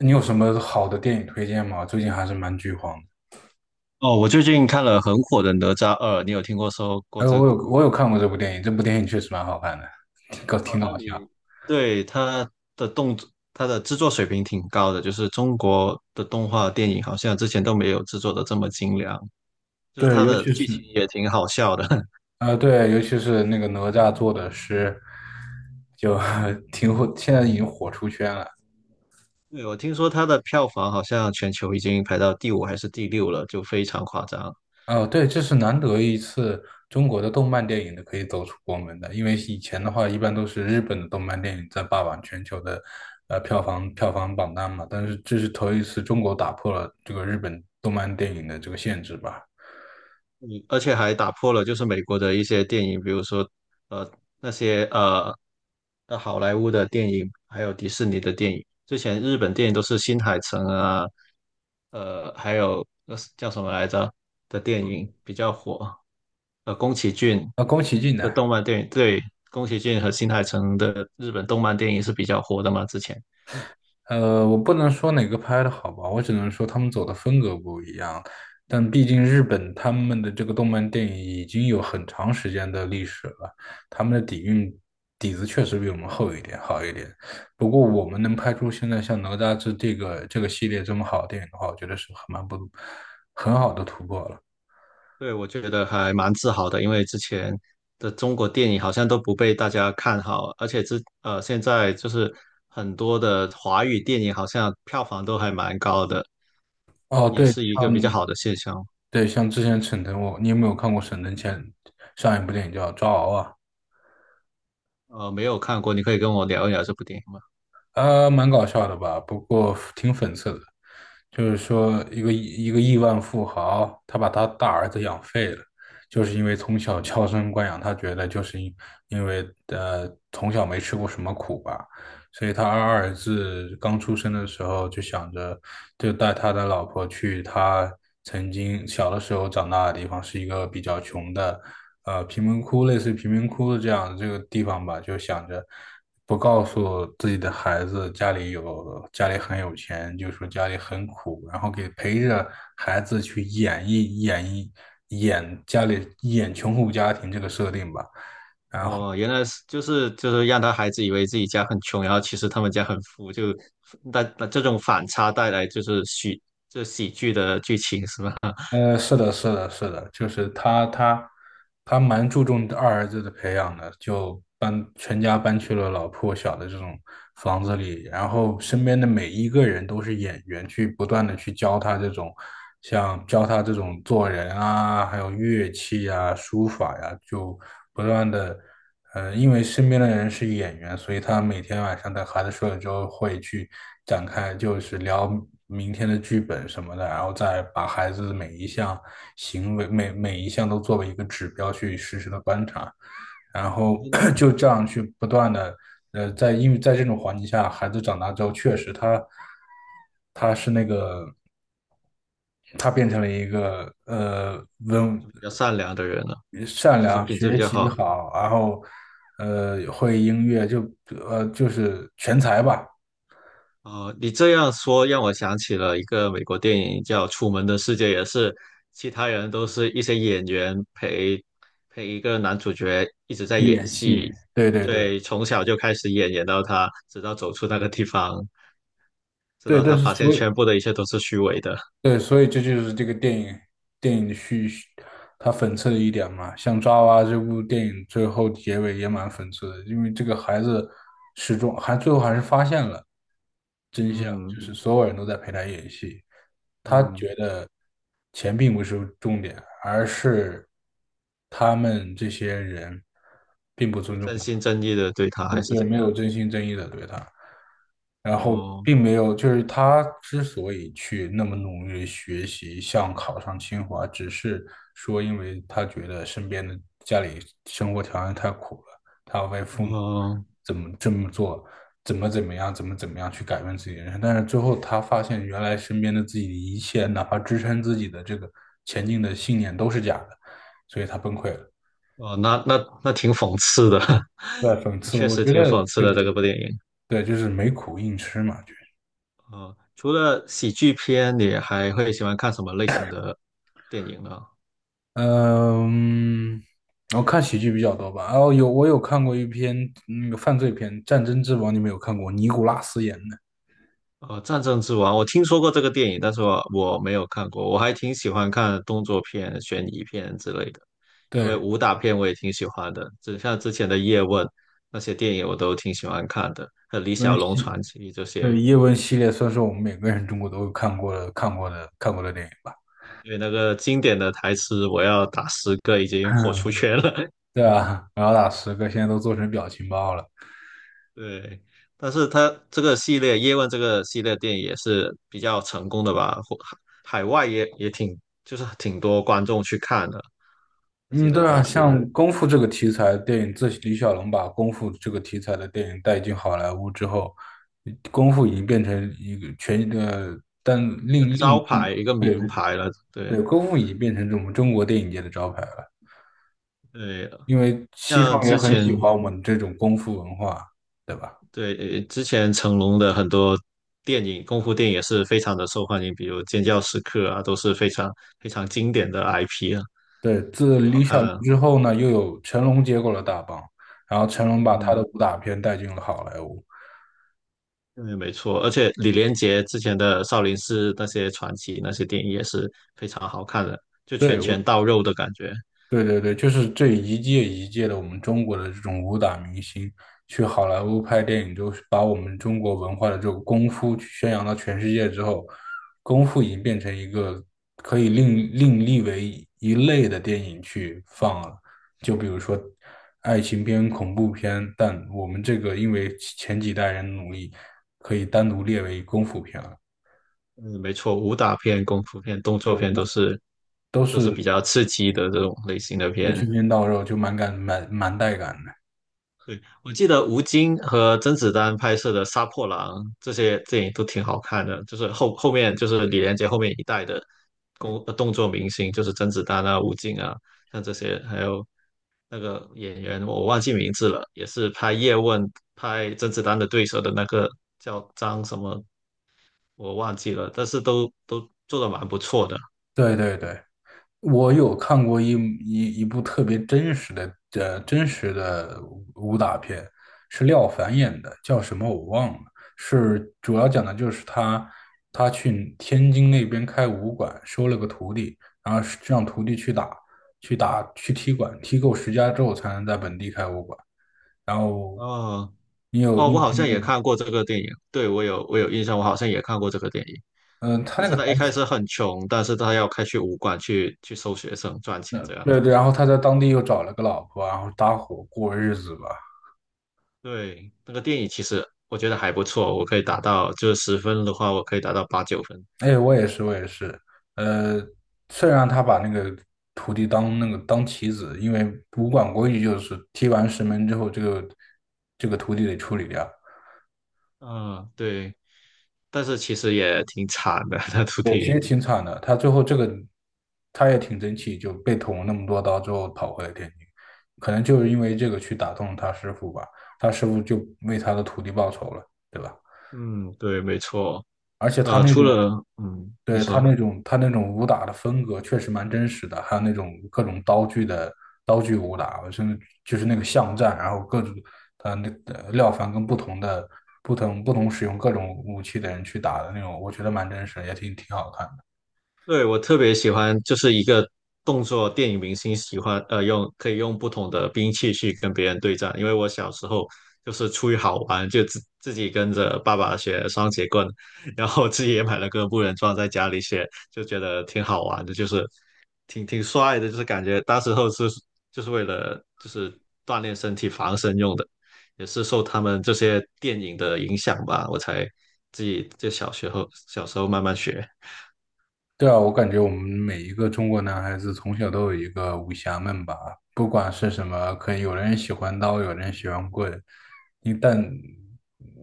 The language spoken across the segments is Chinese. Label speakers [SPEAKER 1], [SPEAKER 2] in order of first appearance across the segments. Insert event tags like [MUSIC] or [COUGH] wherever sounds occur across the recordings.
[SPEAKER 1] 你有什么好的电影推荐吗？最近还是蛮剧荒的。
[SPEAKER 2] 哦，我最近看了很火的《哪吒二》，你有听过说过
[SPEAKER 1] 哎，
[SPEAKER 2] 这个
[SPEAKER 1] 我有
[SPEAKER 2] 故事？
[SPEAKER 1] 我有看过这部电影，这部电影确实蛮好看的，挺搞挺
[SPEAKER 2] 哦，
[SPEAKER 1] 搞
[SPEAKER 2] 那你
[SPEAKER 1] 笑。
[SPEAKER 2] 对它的动作，它的制作水平挺高的，就是中国的动画电影好像之前都没有制作的这么精良，就是
[SPEAKER 1] 对，
[SPEAKER 2] 它
[SPEAKER 1] 尤
[SPEAKER 2] 的
[SPEAKER 1] 其
[SPEAKER 2] 剧
[SPEAKER 1] 是
[SPEAKER 2] 情也挺好笑的。[LAUGHS]
[SPEAKER 1] 呃，对，尤其是那个哪吒做的诗，就 [LAUGHS] 挺火，现在已经火出圈了。
[SPEAKER 2] 对，我听说它的票房好像全球已经排到第五还是第六了，就非常夸张。
[SPEAKER 1] 哦，对，这是难得一次中国的动漫电影的可以走出国门的，因为以前的话一般都是日本的动漫电影在霸榜全球的票房榜单嘛，但是这是头一次中国打破了这个日本动漫电影的这个限制吧。
[SPEAKER 2] 嗯，而且还打破了就是美国的一些电影，比如说呃那些好莱坞的电影，还有迪士尼的电影。之前日本电影都是新海诚啊，还有叫什么来着的电影比较火，宫崎骏
[SPEAKER 1] 啊，宫崎骏
[SPEAKER 2] 的
[SPEAKER 1] 的，
[SPEAKER 2] 动漫电影，对，宫崎骏和新海诚的日本动漫电影是比较火的嘛，之前。
[SPEAKER 1] 我不能说哪个拍的好吧，我只能说他们走的风格不一样。但毕竟日本他们的这个动漫电影已经有很长时间的历史了，他们的底蕴底子确实比我们厚一点，好一点。不过我们能拍出现在像哪吒这个系列这么好的电影的话，我觉得是很蛮不很好的突破了。
[SPEAKER 2] 对，我觉得还蛮自豪的，因为之前的中国电影好像都不被大家看好，而且现在就是很多的华语电影好像票房都还蛮高的，
[SPEAKER 1] 哦，
[SPEAKER 2] 也
[SPEAKER 1] 对
[SPEAKER 2] 是一个比较好的现象。
[SPEAKER 1] 对，像之前沈腾，你有没有看过沈腾上一部电影叫《抓娃娃》？
[SPEAKER 2] 没有看过，你可以跟我聊一聊这部电影吗？
[SPEAKER 1] 蛮搞笑的吧，不过挺讽刺的。就是说，一个亿万富豪，他把他大儿子养废了，就是因为从小娇生惯养，他觉得就是因为从小没吃过什么苦吧，所以他二儿子刚出生的时候就想着，就带他的老婆去他曾经小的时候长大的地方，是一个比较穷的，贫民窟，类似于贫民窟的这样的这个地方吧，就想着不告诉自己的孩子家里很有钱，就说家里很苦，然后给陪着孩子去演绎演绎演穷苦家庭这个设定吧。
[SPEAKER 2] 哦，原来是就是让他孩子以为自己家很穷，然后其实他们家很富，就那这种反差带来就是这喜剧的剧情是吧？
[SPEAKER 1] 是的，是的，是的，就是他蛮注重二儿子的培养的，就全家搬去了老破小的这种房子里，然后身边的每一个人都是演员，去不断的去教他这种，像教他这种做人啊，还有乐器啊、书法呀、就不断的。因为身边的人是演员，所以他每天晚上等孩子睡了之后，会去展开，就是聊明天的剧本什么的，然后再把孩子的每一项行为、每一项都作为一个指标去实时的观察，然后 [CLEARS THROAT]
[SPEAKER 2] [LAUGHS]
[SPEAKER 1] 就这样去不断的，因为在这种环境下，孩子长大之后，确实他是那个他变成了一个。
[SPEAKER 2] 比较善良的人了，
[SPEAKER 1] 善
[SPEAKER 2] 就是
[SPEAKER 1] 良，
[SPEAKER 2] 品质比
[SPEAKER 1] 学
[SPEAKER 2] 较
[SPEAKER 1] 习
[SPEAKER 2] 好。
[SPEAKER 1] 好，然后会音乐，就就是全才吧，
[SPEAKER 2] 哦，你这样说让我想起了一个美国电影叫《楚门的世界》，也是其他人都是一些演员陪一个男主角一直在
[SPEAKER 1] 去
[SPEAKER 2] 演
[SPEAKER 1] 演戏。
[SPEAKER 2] 戏，
[SPEAKER 1] 对对对
[SPEAKER 2] 对，从小就开始演，演到他直到走出那个地方，直
[SPEAKER 1] 对，
[SPEAKER 2] 到
[SPEAKER 1] 但
[SPEAKER 2] 他
[SPEAKER 1] 是
[SPEAKER 2] 发现
[SPEAKER 1] 所以
[SPEAKER 2] 全部的一切都是虚伪的，
[SPEAKER 1] 对，所以这就是这个电影的它讽刺的一点嘛。像《抓娃娃》这部电影最后结尾也蛮讽刺的，因为这个孩子始终还最后还是发现了真相，就
[SPEAKER 2] 嗯
[SPEAKER 1] 是所有人都在陪他演戏。
[SPEAKER 2] 嗯，
[SPEAKER 1] 钱并不是重点，而是他们这些人并不
[SPEAKER 2] 就
[SPEAKER 1] 尊重。
[SPEAKER 2] 真心真意的对他还
[SPEAKER 1] 嗯，
[SPEAKER 2] 是
[SPEAKER 1] 对，
[SPEAKER 2] 怎
[SPEAKER 1] 没有
[SPEAKER 2] 样？
[SPEAKER 1] 真心真意的对他，然后
[SPEAKER 2] 哦
[SPEAKER 1] 并没有，就是他之所以去那么努力学习，想考上清华，只是说因为他觉得身边的家里生活条件太苦了，他要为父母
[SPEAKER 2] 哦
[SPEAKER 1] 怎么这么做，怎么怎么样，怎么怎么样去改变自己的人生，但是最后他发现原来身边的自己的一切，哪怕支撑自己的这个前进的信念都是假的，所以他崩溃了。
[SPEAKER 2] 哦，那挺讽刺的，
[SPEAKER 1] 在
[SPEAKER 2] [LAUGHS]
[SPEAKER 1] 讽刺，
[SPEAKER 2] 确
[SPEAKER 1] 我
[SPEAKER 2] 实
[SPEAKER 1] 觉
[SPEAKER 2] 挺
[SPEAKER 1] 得
[SPEAKER 2] 讽刺
[SPEAKER 1] 就
[SPEAKER 2] 的
[SPEAKER 1] 是。
[SPEAKER 2] 这个部电影。
[SPEAKER 1] 对，就是没苦硬吃嘛，就是
[SPEAKER 2] 除了喜剧片，你还会喜欢看什么类型的电影呢？
[SPEAKER 1] 嗯，我看喜剧比较多吧。哦，我有看过一篇那个犯罪片《战争之王》，你们有看过？尼古拉斯演的，
[SPEAKER 2] 战争之王》我听说过这个电影，但是我没有看过。我还挺喜欢看动作片、悬疑片之类的，因为
[SPEAKER 1] 对，
[SPEAKER 2] 武打片我也挺喜欢的，就像之前的《叶问》那些电影我都挺喜欢看的，还有《李小
[SPEAKER 1] 温
[SPEAKER 2] 龙
[SPEAKER 1] 系，
[SPEAKER 2] 传奇》这些，
[SPEAKER 1] 对，叶问系列算是我们每个人中国都有看过的、看过的、看过的电影吧。
[SPEAKER 2] 因为那个经典的台词"我要打十个"已经火
[SPEAKER 1] [LAUGHS]
[SPEAKER 2] 出圈了。
[SPEAKER 1] 对
[SPEAKER 2] [LAUGHS]
[SPEAKER 1] 啊，然后打十个，现在都做成表情包了。
[SPEAKER 2] 对，但是它这个系列《叶问》这个系列电影也是比较成功的吧？海外也挺，就是挺多观众去看的。我记
[SPEAKER 1] 嗯，
[SPEAKER 2] 得
[SPEAKER 1] 对啊，
[SPEAKER 2] 当时
[SPEAKER 1] 像功夫这个题材电影，自李小龙把功夫这个题材的电影带进好莱坞之后，功夫已经变成一个全呃，但
[SPEAKER 2] 一个
[SPEAKER 1] 另另
[SPEAKER 2] 招牌，一个名
[SPEAKER 1] 对
[SPEAKER 2] 牌了。对
[SPEAKER 1] 对，功夫已经变成我们中国电影界的招牌了，
[SPEAKER 2] 对，
[SPEAKER 1] 因为西
[SPEAKER 2] 像
[SPEAKER 1] 方也
[SPEAKER 2] 之
[SPEAKER 1] 很喜
[SPEAKER 2] 前
[SPEAKER 1] 欢我们这种功夫文化，对吧？
[SPEAKER 2] 对之前成龙的很多电影，功夫电影也是非常的受欢迎，比如《尖叫时刻》啊，都是非常非常经典的 IP 啊，
[SPEAKER 1] 对，
[SPEAKER 2] 很
[SPEAKER 1] 自
[SPEAKER 2] 好
[SPEAKER 1] 李
[SPEAKER 2] 看
[SPEAKER 1] 小龙
[SPEAKER 2] 啊。
[SPEAKER 1] 之后呢，又有成龙接过了大棒，然后成龙把他的
[SPEAKER 2] 嗯。
[SPEAKER 1] 武打片带进了好莱坞。
[SPEAKER 2] 对，没错，而且李连杰之前的少林寺那些传奇那些电影也是非常好看的，就
[SPEAKER 1] 对，
[SPEAKER 2] 拳拳到肉的感觉。
[SPEAKER 1] 对对对，就是这一届一届的我们中国的这种武打明星去好莱坞拍电影，就是把我们中国文化的这种功夫去宣扬到全世界之后，功夫已经变成一个可以另立为一类的电影去放了。就比如说爱情片、恐怖片，但我们这个因为前几代人努力，可以单独列为功夫片了。
[SPEAKER 2] 嗯，没错，武打片、功夫片、动作
[SPEAKER 1] 那
[SPEAKER 2] 片都是
[SPEAKER 1] 都
[SPEAKER 2] 都是
[SPEAKER 1] 是
[SPEAKER 2] 比较刺激的这种类型的
[SPEAKER 1] 得
[SPEAKER 2] 片。
[SPEAKER 1] 拳拳到肉，就蛮带感的。
[SPEAKER 2] 对，我记得吴京和甄子丹拍摄的《杀破狼》这些电影都挺好看的，就是后面就是李连杰后面一代的动作明星，就是甄子丹啊、吴京啊，像这些，还有那个演员，我忘记名字了，也是拍叶问、拍甄子丹的对手的那个叫张什么，我忘记了，但是都做的蛮不错的。
[SPEAKER 1] 对对对。我有看过一部特别真实的真实的武打片，是廖凡演的，叫什么我忘了。是主要讲的就是他去天津那边开武馆，收了个徒弟，然后是让徒弟去踢馆，踢够十家之后才能在本地开武馆。然后
[SPEAKER 2] 哦
[SPEAKER 1] 你有
[SPEAKER 2] 哦，
[SPEAKER 1] 你
[SPEAKER 2] 我
[SPEAKER 1] 有
[SPEAKER 2] 好
[SPEAKER 1] 听
[SPEAKER 2] 像
[SPEAKER 1] 过
[SPEAKER 2] 也
[SPEAKER 1] 吗？
[SPEAKER 2] 看过这个电影，对，我有印象，我好像也看过这个电影。
[SPEAKER 1] 嗯、他
[SPEAKER 2] 就
[SPEAKER 1] 那
[SPEAKER 2] 是
[SPEAKER 1] 个台
[SPEAKER 2] 他一开
[SPEAKER 1] 词，
[SPEAKER 2] 始很穷，但是他要开去武馆去收学生赚钱
[SPEAKER 1] 嗯，
[SPEAKER 2] 这样子。
[SPEAKER 1] 对对，然后他在当地又找了个老婆，然后搭伙过日子吧。
[SPEAKER 2] 对，那个电影其实我觉得还不错，我可以打到就是十分的话，我可以打到八九分。
[SPEAKER 1] 哎，我也是，我也是。呃，虽然他把那个徒弟当那个当棋子，因为武馆规矩就是踢完石门之后，这个徒弟得处理掉。
[SPEAKER 2] 嗯，对，但是其实也挺惨的 [LAUGHS] 那徒
[SPEAKER 1] 对其
[SPEAKER 2] 弟。
[SPEAKER 1] 实挺惨的，他最后这个他也挺争气，就被捅了那么多刀之后跑回了天津，可能就是因为这个去打动他师傅吧，他师傅就为他的徒弟报仇了，对吧？
[SPEAKER 2] 嗯，对，没错。
[SPEAKER 1] 而且他那
[SPEAKER 2] 除
[SPEAKER 1] 种
[SPEAKER 2] 了你
[SPEAKER 1] 对，他
[SPEAKER 2] 说。
[SPEAKER 1] 那种他那种武打的风格确实蛮真实的，还有那种各种刀具的刀具武打，甚至就是那个巷战，然后各种廖凡跟不同的不同不同使用各种武器的人去打的那种，我觉得蛮真实的也挺好看。
[SPEAKER 2] 对，我特别喜欢，就是一个动作电影明星喜欢用可以用不同的兵器去跟别人对战，因为我小时候就是出于好玩，就自己跟着爸爸学双截棍，然后自己也买了个木人桩在家里学，就觉得挺好玩的，就是挺帅的，就是感觉当时候是就是为了就是锻炼身体防身用的，也是受他们这些电影的影响吧，我才自己就小学后小时候慢慢学。
[SPEAKER 1] 对啊，我感觉我们每一个中国男孩子从小都有一个武侠梦吧，不管是什么，可能有的人喜欢刀，有的人喜欢棍。一旦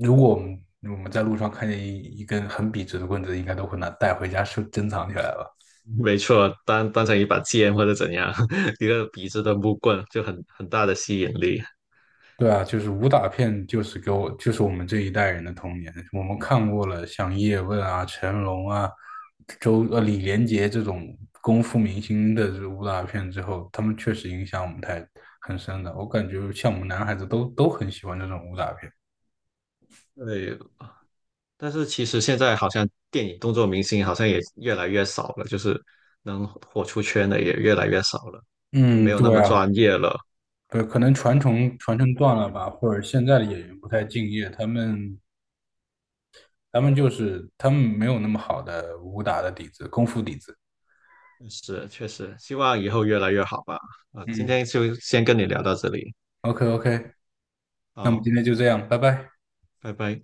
[SPEAKER 1] 如果我们在路上看见一根很笔直的棍子，应该都会拿带回家收珍藏起来吧。
[SPEAKER 2] [LAUGHS] 没错，当成一把剑或者怎样，[LAUGHS] 一个笔直的木棍就很大的吸引力。
[SPEAKER 1] 对啊，就是武打片，就是给我，就是我们这一代人的童年。我们看过了像叶问啊、成龙啊、李连杰这种功夫明星的这武打片之后，他们确实影响我们很深的。我感觉像我们男孩子都很喜欢这种武打片。
[SPEAKER 2] 对，但是其实现在好像电影动作明星好像也越来越少了，就是能火出圈的也越来越少了，就
[SPEAKER 1] 嗯，
[SPEAKER 2] 没有那
[SPEAKER 1] 对
[SPEAKER 2] 么
[SPEAKER 1] 啊，
[SPEAKER 2] 专业了。
[SPEAKER 1] 对，可能传承断了吧，或者现在的演员不太敬业，他们没有那么好的武打的底子、功夫底子。
[SPEAKER 2] 是，确实，希望以后越来越好吧。啊，今
[SPEAKER 1] 嗯
[SPEAKER 2] 天就先跟你聊到这里，
[SPEAKER 1] ，OK OK，那我们
[SPEAKER 2] 好，
[SPEAKER 1] 今天就这样，拜拜。
[SPEAKER 2] 拜拜。